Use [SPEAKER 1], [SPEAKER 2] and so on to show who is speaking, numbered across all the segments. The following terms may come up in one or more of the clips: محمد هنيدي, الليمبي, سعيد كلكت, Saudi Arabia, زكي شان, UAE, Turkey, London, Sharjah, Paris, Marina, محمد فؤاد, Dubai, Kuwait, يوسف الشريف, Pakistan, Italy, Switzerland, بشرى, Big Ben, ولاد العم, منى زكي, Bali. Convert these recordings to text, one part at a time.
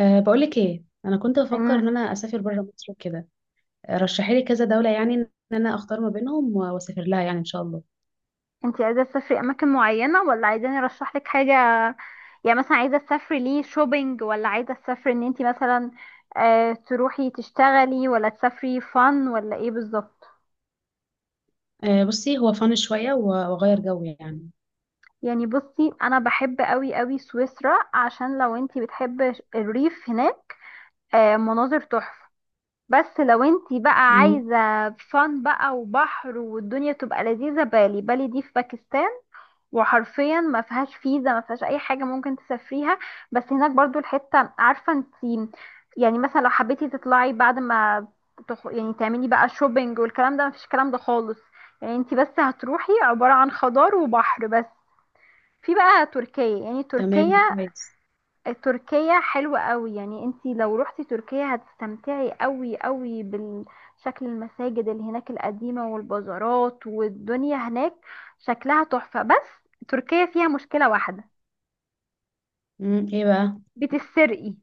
[SPEAKER 1] بقولك ايه، انا كنت بفكر ان
[SPEAKER 2] امم
[SPEAKER 1] انا اسافر بره مصر وكده. رشحي لي كذا دوله، يعني ان انا اختار ما بينهم واسافر لها يعني ان شاء الله.
[SPEAKER 2] انتي عايزه تسافري اماكن معينه ولا عايزاني ارشح لك حاجه؟ يعني مثلا عايزه تسافري ليه شوبينج، ولا عايزه تسافري ان انتي مثلا تروحي تشتغلي، ولا تسافري فن، ولا ايه بالظبط؟
[SPEAKER 1] بصي، هو فن شويه واغير جو يعني.
[SPEAKER 2] يعني بصي، انا بحب قوي قوي سويسرا، عشان لو انتي بتحب الريف هناك مناظر تحفه. بس لو انتي بقى
[SPEAKER 1] امم
[SPEAKER 2] عايزه فن بقى وبحر والدنيا تبقى لذيذه، بالي بالي دي في باكستان، وحرفيا ما فيهاش فيزا، ما فيهاش اي حاجه، ممكن تسافريها. بس هناك برضو الحته عارفه انت، يعني مثلا لو حبيتي تطلعي بعد ما يعني تعملي بقى شوبينج والكلام ده، ما فيش الكلام ده خالص. يعني انت بس هتروحي عباره عن خضار وبحر بس. في بقى تركيا، يعني
[SPEAKER 1] تمام، ده
[SPEAKER 2] تركيا،
[SPEAKER 1] كويس.
[SPEAKER 2] تركيا حلوة قوي. يعني انتي لو روحتي تركيا هتستمتعي قوي قوي بالشكل، المساجد اللي هناك القديمة والبازارات والدنيا هناك شكلها تحفة. بس تركيا فيها مشكلة واحدة،
[SPEAKER 1] ايه بقى؟
[SPEAKER 2] بتسرقي.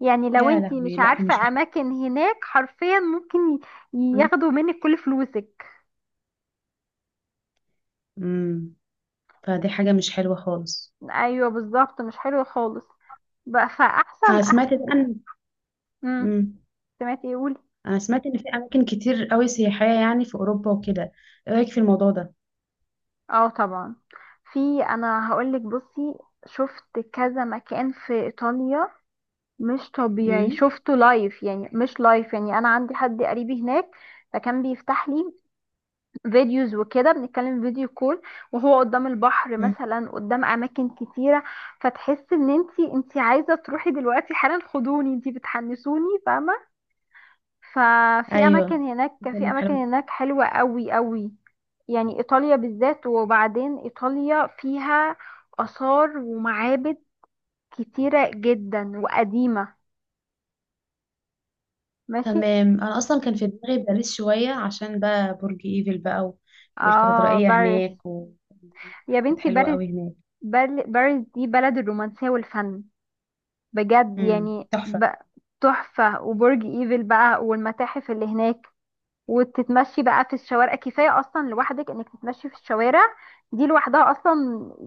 [SPEAKER 2] يعني لو
[SPEAKER 1] يا
[SPEAKER 2] انتي
[SPEAKER 1] لهوي،
[SPEAKER 2] مش
[SPEAKER 1] لا مش
[SPEAKER 2] عارفة
[SPEAKER 1] بحب.
[SPEAKER 2] اماكن هناك حرفيا ممكن ياخدوا منك كل فلوسك.
[SPEAKER 1] امم فدي حاجه مش حلوه خالص.
[SPEAKER 2] ايوه بالظبط، مش حلو خالص. بقى فاحسن
[SPEAKER 1] انا سمعت
[SPEAKER 2] احسن.
[SPEAKER 1] بقى ان…
[SPEAKER 2] امم
[SPEAKER 1] امم
[SPEAKER 2] سمعتي ايه؟
[SPEAKER 1] انا سمعت ان في اماكن كتير قوي سياحيه يعني في اوروبا وكده. ايه رايك في الموضوع ده؟
[SPEAKER 2] اه طبعا، في، انا هقولك، بصي، شفت كذا مكان في ايطاليا مش طبيعي.
[SPEAKER 1] امم
[SPEAKER 2] شفته لايف، يعني مش لايف، يعني انا عندي حد قريبي هناك، فكان بيفتح لي فيديوز وكده، بنتكلم فيديو كول وهو قدام البحر
[SPEAKER 1] أمم.
[SPEAKER 2] مثلا، قدام اماكن كتيره. فتحس ان انتي عايزه تروحي دلوقتي حالا، خدوني انتي بتحنسوني، فاهمه؟ ففي اماكن
[SPEAKER 1] ايوه،
[SPEAKER 2] هناك، في
[SPEAKER 1] إيطاليا
[SPEAKER 2] اماكن
[SPEAKER 1] حلوة.
[SPEAKER 2] هناك حلوة قوي قوي، يعني ايطاليا بالذات. وبعدين ايطاليا فيها اثار ومعابد كتيرة جدا وقديمة. ماشي.
[SPEAKER 1] تمام، انا اصلا كان في دماغي باريس شويه عشان بقى برج ايفل بقى
[SPEAKER 2] اه،
[SPEAKER 1] والكاتدرائيه
[SPEAKER 2] باريس.
[SPEAKER 1] هناك
[SPEAKER 2] يا
[SPEAKER 1] كانت
[SPEAKER 2] بنتي
[SPEAKER 1] حلوه
[SPEAKER 2] باريس.
[SPEAKER 1] قوي هناك.
[SPEAKER 2] باريس دي بلد الرومانسية والفن، بجد.
[SPEAKER 1] تحفه.
[SPEAKER 2] تحفة، وبرج ايفل بقى، والمتاحف اللي هناك، وتتمشي بقى في الشوارع. كفاية أصلا لوحدك إنك تتمشي في الشوارع دي لوحدها أصلا.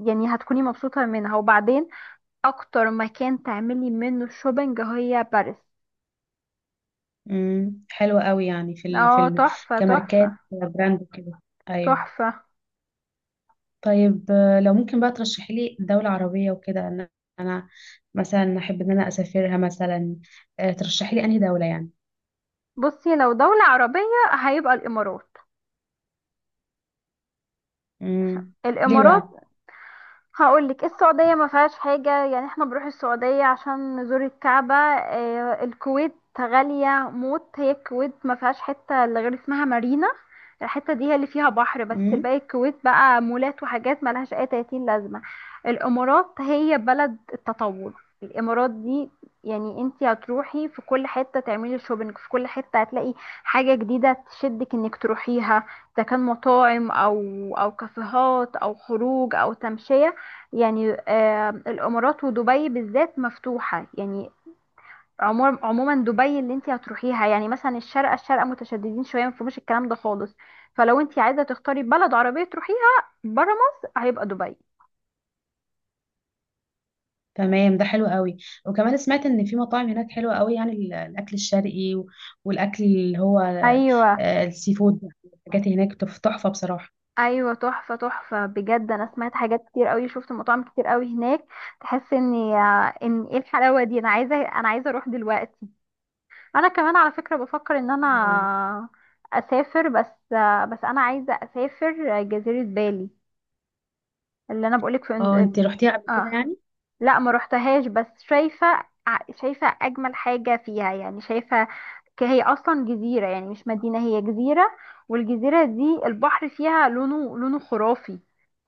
[SPEAKER 2] يعني هتكوني مبسوطة منها. وبعدين أكتر مكان تعملي منه شوبينج هي باريس.
[SPEAKER 1] حلوه قوي يعني في ال… في
[SPEAKER 2] اه
[SPEAKER 1] ال…
[SPEAKER 2] تحفة،
[SPEAKER 1] كماركات
[SPEAKER 2] تحفة،
[SPEAKER 1] براند وكده. ايوه.
[SPEAKER 2] تحفة.
[SPEAKER 1] طيب لو ممكن بقى ترشحي لي دوله عربيه وكده، انا انا مثلا احب ان انا اسافرها مثلا. ترشحي لي انهي دوله يعني.
[SPEAKER 2] بصي، لو دولة عربية، هيبقى الإمارات.
[SPEAKER 1] امم
[SPEAKER 2] الإمارات.
[SPEAKER 1] ليه
[SPEAKER 2] هقولك، السعودية ما فيهاش حاجة، يعني احنا بنروح السعودية عشان نزور الكعبة. آه، الكويت غالية موت، هي الكويت ما فيهاش حتة اللي غير اسمها مارينا. الحتة دي هي اللي فيها بحر بس،
[SPEAKER 1] بقى؟
[SPEAKER 2] الباقي الكويت بقى مولات وحاجات ملهاش اي 30 لازمة. الامارات هي بلد التطور، الامارات دي. يعني انتي هتروحي في كل حتة تعملي شوبينج، في كل حتة هتلاقي حاجة جديدة تشدك انك تروحيها، اذا كان مطاعم او او كافيهات او خروج او تمشية. يعني آه، الامارات ودبي بالذات مفتوحه، يعني عموما عموما دبي اللي انت هتروحيها. يعني مثلا الشارقه، الشارقه متشددين شويه، ما فيهمش الكلام ده خالص. فلو انت عايزه تختاري بلد عربيه تروحيها بره مصر، هيبقى دبي.
[SPEAKER 1] تمام، ده حلو قوي. وكمان سمعت ان في مطاعم هناك حلوه قوي، يعني الاكل الشرقي والاكل اللي هو
[SPEAKER 2] ايوه
[SPEAKER 1] السي فود. الحاجات هناك تحفه بصراحه.
[SPEAKER 2] ايوه، تحفه تحفه بجد. انا سمعت حاجات كتير قوي، شفت مطاعم كتير قوي هناك، تحس ان ان ايه الحلاوه دي، انا عايزه انا عايزه اروح دلوقتي. انا كمان على فكره بفكر ان انا
[SPEAKER 1] أيوة.
[SPEAKER 2] اسافر، بس آه، بس انا عايزه اسافر جزيره بالي اللي انا بقولك
[SPEAKER 1] اه، انت رحتيها قبل كده
[SPEAKER 2] اه
[SPEAKER 1] يعني؟
[SPEAKER 2] لا ما روحتهاش، بس شايفه شايفه اجمل حاجه فيها، يعني شايفه هي اصلا جزيره، يعني مش مدينه، هي جزيره، والجزيره دي البحر فيها لونه لونه خرافي،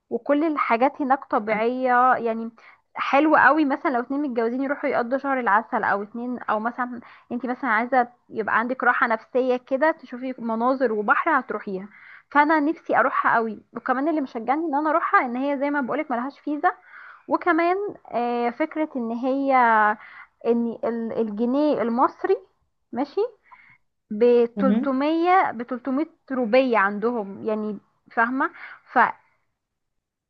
[SPEAKER 2] وكل الحاجات هناك
[SPEAKER 1] أه.
[SPEAKER 2] طبيعية يعني. حلو قوي مثلا لو اتنين متجوزين يروحوا يقضوا شهر العسل، او اتنين، او مثلا انت مثلا عايزة يبقى عندك راحة نفسية كده، تشوفي مناظر وبحر، هتروحيها. فانا نفسي اروحها قوي. وكمان اللي مشجعني ان انا اروحها ان هي زي ما بقولك ملهاش فيزا. وكمان آه، فكرة ان هي ان الجنيه المصري ماشي ب
[SPEAKER 1] مهم.
[SPEAKER 2] 300، ب 300 روبية عندهم يعني، فاهمة؟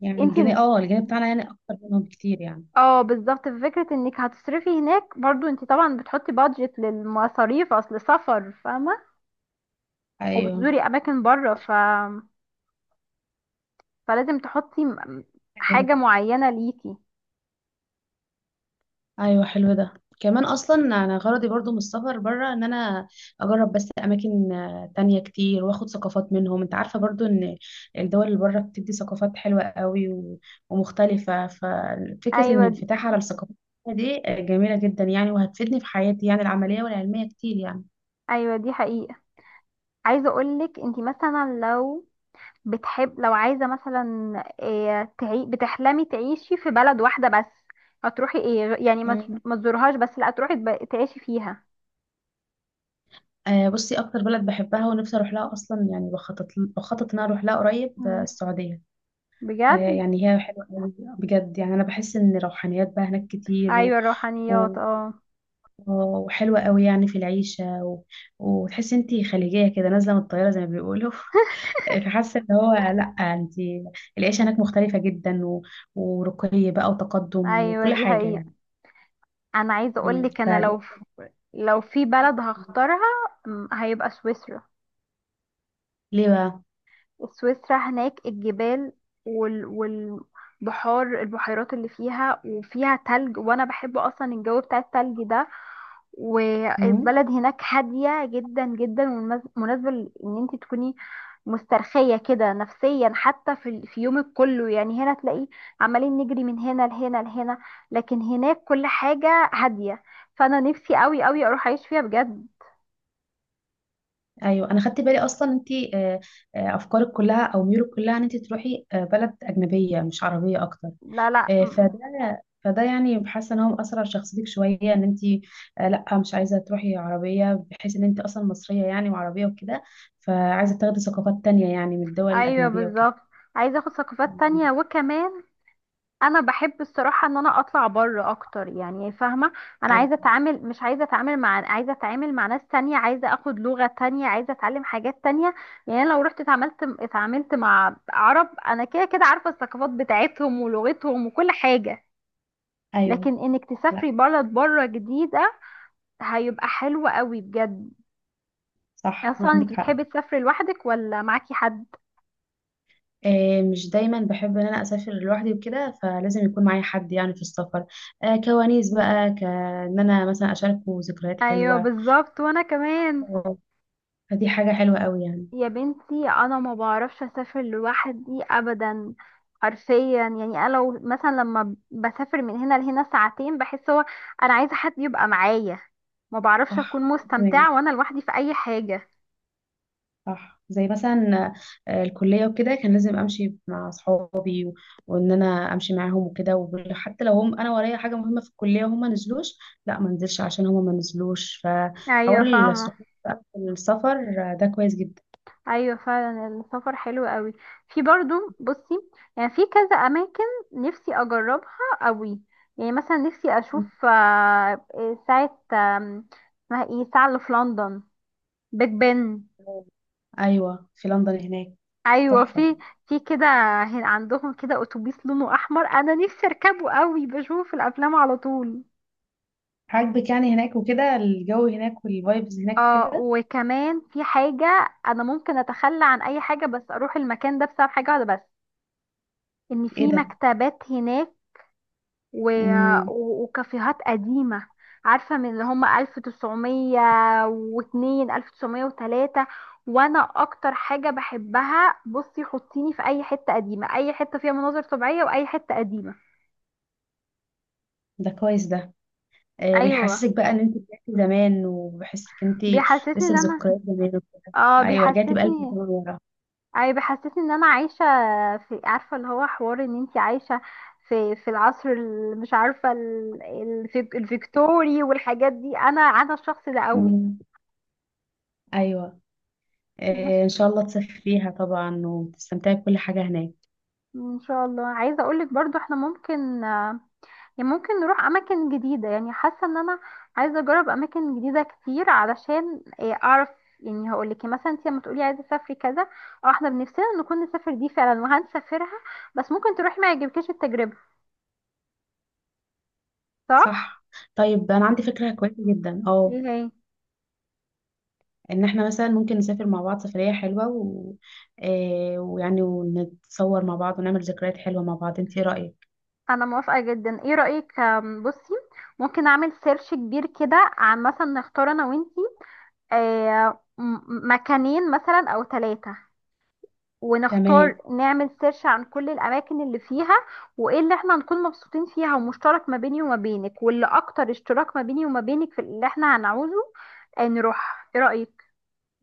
[SPEAKER 1] يعني
[SPEAKER 2] فانت،
[SPEAKER 1] الجنيه، اه الجنيه بتاعنا يعني اكتر منهم بكتير يعني.
[SPEAKER 2] اه بالظبط، في فكرة انك هتصرفي هناك. برضو انت طبعا بتحطي بادجت للمصاريف اصل سفر، فاهمة؟
[SPEAKER 1] ايوه،
[SPEAKER 2] وبتزوري اماكن بره، فلازم تحطي
[SPEAKER 1] حلو ده.
[SPEAKER 2] حاجة معينة ليكي.
[SPEAKER 1] ايوه، حلو ده. كمان اصلا انا غرضي برضو من السفر بره ان انا اجرب بس اماكن تانية كتير، واخد ثقافات منهم. انت عارفه برضو ان الدول اللي بره بتدي ثقافات حلوه قوي ومختلفه. ففكره ان
[SPEAKER 2] ايوه
[SPEAKER 1] الانفتاح على الثقافات دي جميله جدا يعني، وهتفيدني في حياتي يعني العمليه والعلميه كتير يعني.
[SPEAKER 2] ايوه دي حقيقة. عايزة اقولك انت مثلا لو بتحب، لو عايزة مثلا إيه بتحلمي تعيشي في بلد واحدة بس، هتروحي ايه يعني ما
[SPEAKER 1] مم.
[SPEAKER 2] ما تزورهاش بس لا، تروحي تعيشي فيها.
[SPEAKER 1] بصي، اكتر بلد بحبها ونفسي اروح لها اصلا يعني، بخطط ان أنا اروح لها قريب
[SPEAKER 2] مم.
[SPEAKER 1] السعوديه.
[SPEAKER 2] بجد؟
[SPEAKER 1] يعني هي حلوة قوي، بجد يعني. أنا بحس إن روحانيات بقى هناك كتير و…
[SPEAKER 2] ايوه الروحانيات
[SPEAKER 1] و…
[SPEAKER 2] اه.
[SPEAKER 1] وحلوة قوي يعني في العيشة و… وتحس انتي خليجية كده نازلة من الطيارة زي ما بيقولوا فحاسة إن هو، لأ، انتي العيشة هناك مختلفة جدا و… ورقي بقى وتقدم
[SPEAKER 2] ايوه
[SPEAKER 1] وكل
[SPEAKER 2] دي
[SPEAKER 1] حاجة
[SPEAKER 2] حقيقة.
[SPEAKER 1] يعني.
[SPEAKER 2] انا عايزه اقول
[SPEAKER 1] مم.
[SPEAKER 2] لك، انا
[SPEAKER 1] فدي…
[SPEAKER 2] لو، لو في بلد هختارها، هيبقى سويسرا.
[SPEAKER 1] ليه بقى؟
[SPEAKER 2] سويسرا هناك الجبال والبحار، البحيرات اللي فيها، وفيها تلج، وانا بحب اصلا الجو بتاع التلج ده.
[SPEAKER 1] مم.
[SPEAKER 2] والبلد هناك هادية جدا جدا، مناسبة ان انت تكوني مسترخية كده نفسيا. حتى في يومك كله، يعني هنا تلاقي عمالين نجري من هنا لهنا لهنا، لكن هناك كل حاجة هادية. فانا نفسي قوي قوي اروح اعيش فيها بجد.
[SPEAKER 1] أيوة، أنا خدت بالي أصلا انتي أفكارك كلها أو ميولك كلها إن انتي تروحي بلد أجنبية مش عربية أكتر.
[SPEAKER 2] لا لا م-
[SPEAKER 1] فده فده يعني، حاسه ان هو مأثر على شخصيتك شويه، ان انت لا مش عايزه تروحي عربيه، بحيث ان انت اصلا مصريه يعني وعربيه وكده، فعايزه تاخدي ثقافات تانية يعني من الدول
[SPEAKER 2] ايوه
[SPEAKER 1] الاجنبيه وكده.
[SPEAKER 2] بالظبط، عايزة اخد ثقافات تانية، وكمان انا بحب الصراحه ان انا اطلع بره اكتر، يعني فاهمه. انا عايزه
[SPEAKER 1] ايوه.
[SPEAKER 2] اتعامل، مش عايزه اتعامل مع، عايزه اتعامل مع ناس تانية، عايزه اخد لغه تانية، عايزه اتعلم حاجات تانية. يعني انا لو رحت اتعاملت، مع عرب، انا كده كده عارفه الثقافات بتاعتهم ولغتهم وكل حاجه.
[SPEAKER 1] ايوه.
[SPEAKER 2] لكن انك
[SPEAKER 1] لا.
[SPEAKER 2] تسافري بلد بره جديده، هيبقى حلو قوي بجد.
[SPEAKER 1] صح،
[SPEAKER 2] اصلا
[SPEAKER 1] عندك
[SPEAKER 2] انت
[SPEAKER 1] حق.
[SPEAKER 2] بتحبي تسافري لوحدك ولا معاكي حد؟
[SPEAKER 1] مش دايما بحب ان انا اسافر لوحدي وكده، فلازم يكون معايا حد يعني في السفر، كوانيس بقى، كان انا مثلا اشاركه ذكريات
[SPEAKER 2] ايوه
[SPEAKER 1] حلوه.
[SPEAKER 2] بالظبط وانا كمان.
[SPEAKER 1] آه، فدي حاجه حلوه قوي يعني.
[SPEAKER 2] يا بنتي انا ما بعرفش اسافر لوحدي ابدا، حرفيا. يعني انا لو مثلا لما بسافر من هنا لهنا ساعتين، بحس هو انا عايزه حد يبقى معايا، ما بعرفش اكون
[SPEAKER 1] صح، أنا كمان.
[SPEAKER 2] مستمتعه وانا لوحدي في اي حاجه.
[SPEAKER 1] صح، زي مثلا الكلية وكده، كان لازم أمشي مع أصحابي وإن أنا أمشي معاهم وكده. وحتى لو هم، أنا ورايا حاجة مهمة في الكلية وهم ما نزلوش، لا ما انزلش عشان هم ما نزلوش، فحوار
[SPEAKER 2] ايوه فاهمه.
[SPEAKER 1] الصحاب بقى في السفر ده كويس جدا.
[SPEAKER 2] ايوه فعلا السفر حلو قوي. في برضو، بصي، يعني في كذا اماكن نفسي اجربها قوي. يعني مثلا نفسي اشوف آه، ساعه اسمها ايه، ساعه اللي في لندن، بيج بن.
[SPEAKER 1] أيوة، في لندن هناك.
[SPEAKER 2] ايوه
[SPEAKER 1] تحفة.
[SPEAKER 2] في، في كده عندهم كده اتوبيس لونه احمر، انا نفسي اركبه قوي، بشوفه في الافلام على طول.
[SPEAKER 1] عاجبك يعني هناك وكده، الجو هناك والفايبز هناك
[SPEAKER 2] اه
[SPEAKER 1] وكده.
[SPEAKER 2] وكمان في حاجه انا ممكن اتخلى عن اي حاجه بس اروح المكان ده، بسبب حاجه واحده بس، ان
[SPEAKER 1] إيه
[SPEAKER 2] في
[SPEAKER 1] ده؟
[SPEAKER 2] مكتبات هناك، و...
[SPEAKER 1] مم.
[SPEAKER 2] وكافيهات قديمه، عارفه، من اللي هم 1902، 1903. وانا اكتر حاجه بحبها، بصي، حطيني في اي حته قديمه، اي حته فيها مناظر طبيعيه، واي حته قديمه.
[SPEAKER 1] ده كويس ده.
[SPEAKER 2] ايوه،
[SPEAKER 1] بيحسسك بقى ان انت رجعتي زمان، وبحسك انت
[SPEAKER 2] بيحسسني
[SPEAKER 1] لسه
[SPEAKER 2] ان
[SPEAKER 1] في
[SPEAKER 2] انا،
[SPEAKER 1] ذكريات زمان وكده.
[SPEAKER 2] اه
[SPEAKER 1] ايوه، رجعتي بقلب الزمن
[SPEAKER 2] بيحسسني،
[SPEAKER 1] ورا.
[SPEAKER 2] اي بيحسسني ان انا عايشه في، عارفه اللي هو، حوار ان انتي عايشه في، مش عارفه الفيكتوري والحاجات دي، انا انا الشخص ده قوي.
[SPEAKER 1] مم. ايوه.
[SPEAKER 2] ماشي.
[SPEAKER 1] ان شاء الله تسافريها طبعا وتستمتعي بكل حاجه هناك.
[SPEAKER 2] ان شاء الله، عايزه اقولك برضو احنا ممكن، يعني ممكن نروح اماكن جديده. يعني حاسه ان انا عايزه اجرب اماكن جديده كتير، علشان إيه، اعرف. يعني هقول لك مثلا انت لما تقولي عايزه اسافري كذا، او احنا بنفسنا نكون نسافر دي فعلا وهنسافرها، بس ممكن تروحي ما يعجبكيش التجربه. صح.
[SPEAKER 1] صح. طيب انا عندي فكره كويسه جدا، اه.
[SPEAKER 2] ايه هي؟
[SPEAKER 1] ان احنا مثلا ممكن نسافر مع بعض سفريه حلوه و… ويعني ونتصور مع بعض، ونعمل ذكريات حلوه مع بعض. انت ايه رايك؟
[SPEAKER 2] انا موافقه جدا، ايه رايك بصي، ممكن اعمل سيرش كبير كده، عن مثلا نختار انا وانتي آه، مكانين مثلا او ثلاثه، ونختار،
[SPEAKER 1] تمام.
[SPEAKER 2] نعمل سيرش عن كل الاماكن اللي فيها، وايه اللي احنا هنكون مبسوطين فيها، ومشترك ما بيني وما بينك، واللي اكتر اشتراك ما بيني وما بينك في اللي احنا هنعوزه آه، نروح. ايه رأيك؟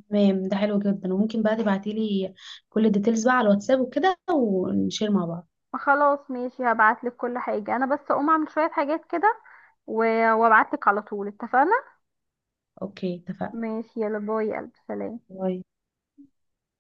[SPEAKER 1] تمام، ده حلو جدا. وممكن بقى تبعتي لي كل الديتيلز بقى على الواتساب وكده، ونشير مع بعض.
[SPEAKER 2] خلاص ماشي، هبعتلك كل حاجة، انا بس اقوم اعمل شوية حاجات كده، وابعتلك على طول، اتفقنا؟
[SPEAKER 1] اوكي، اتفقنا.
[SPEAKER 2] ماشي، يلا باي يا قلبي، سلام.
[SPEAKER 1] الله.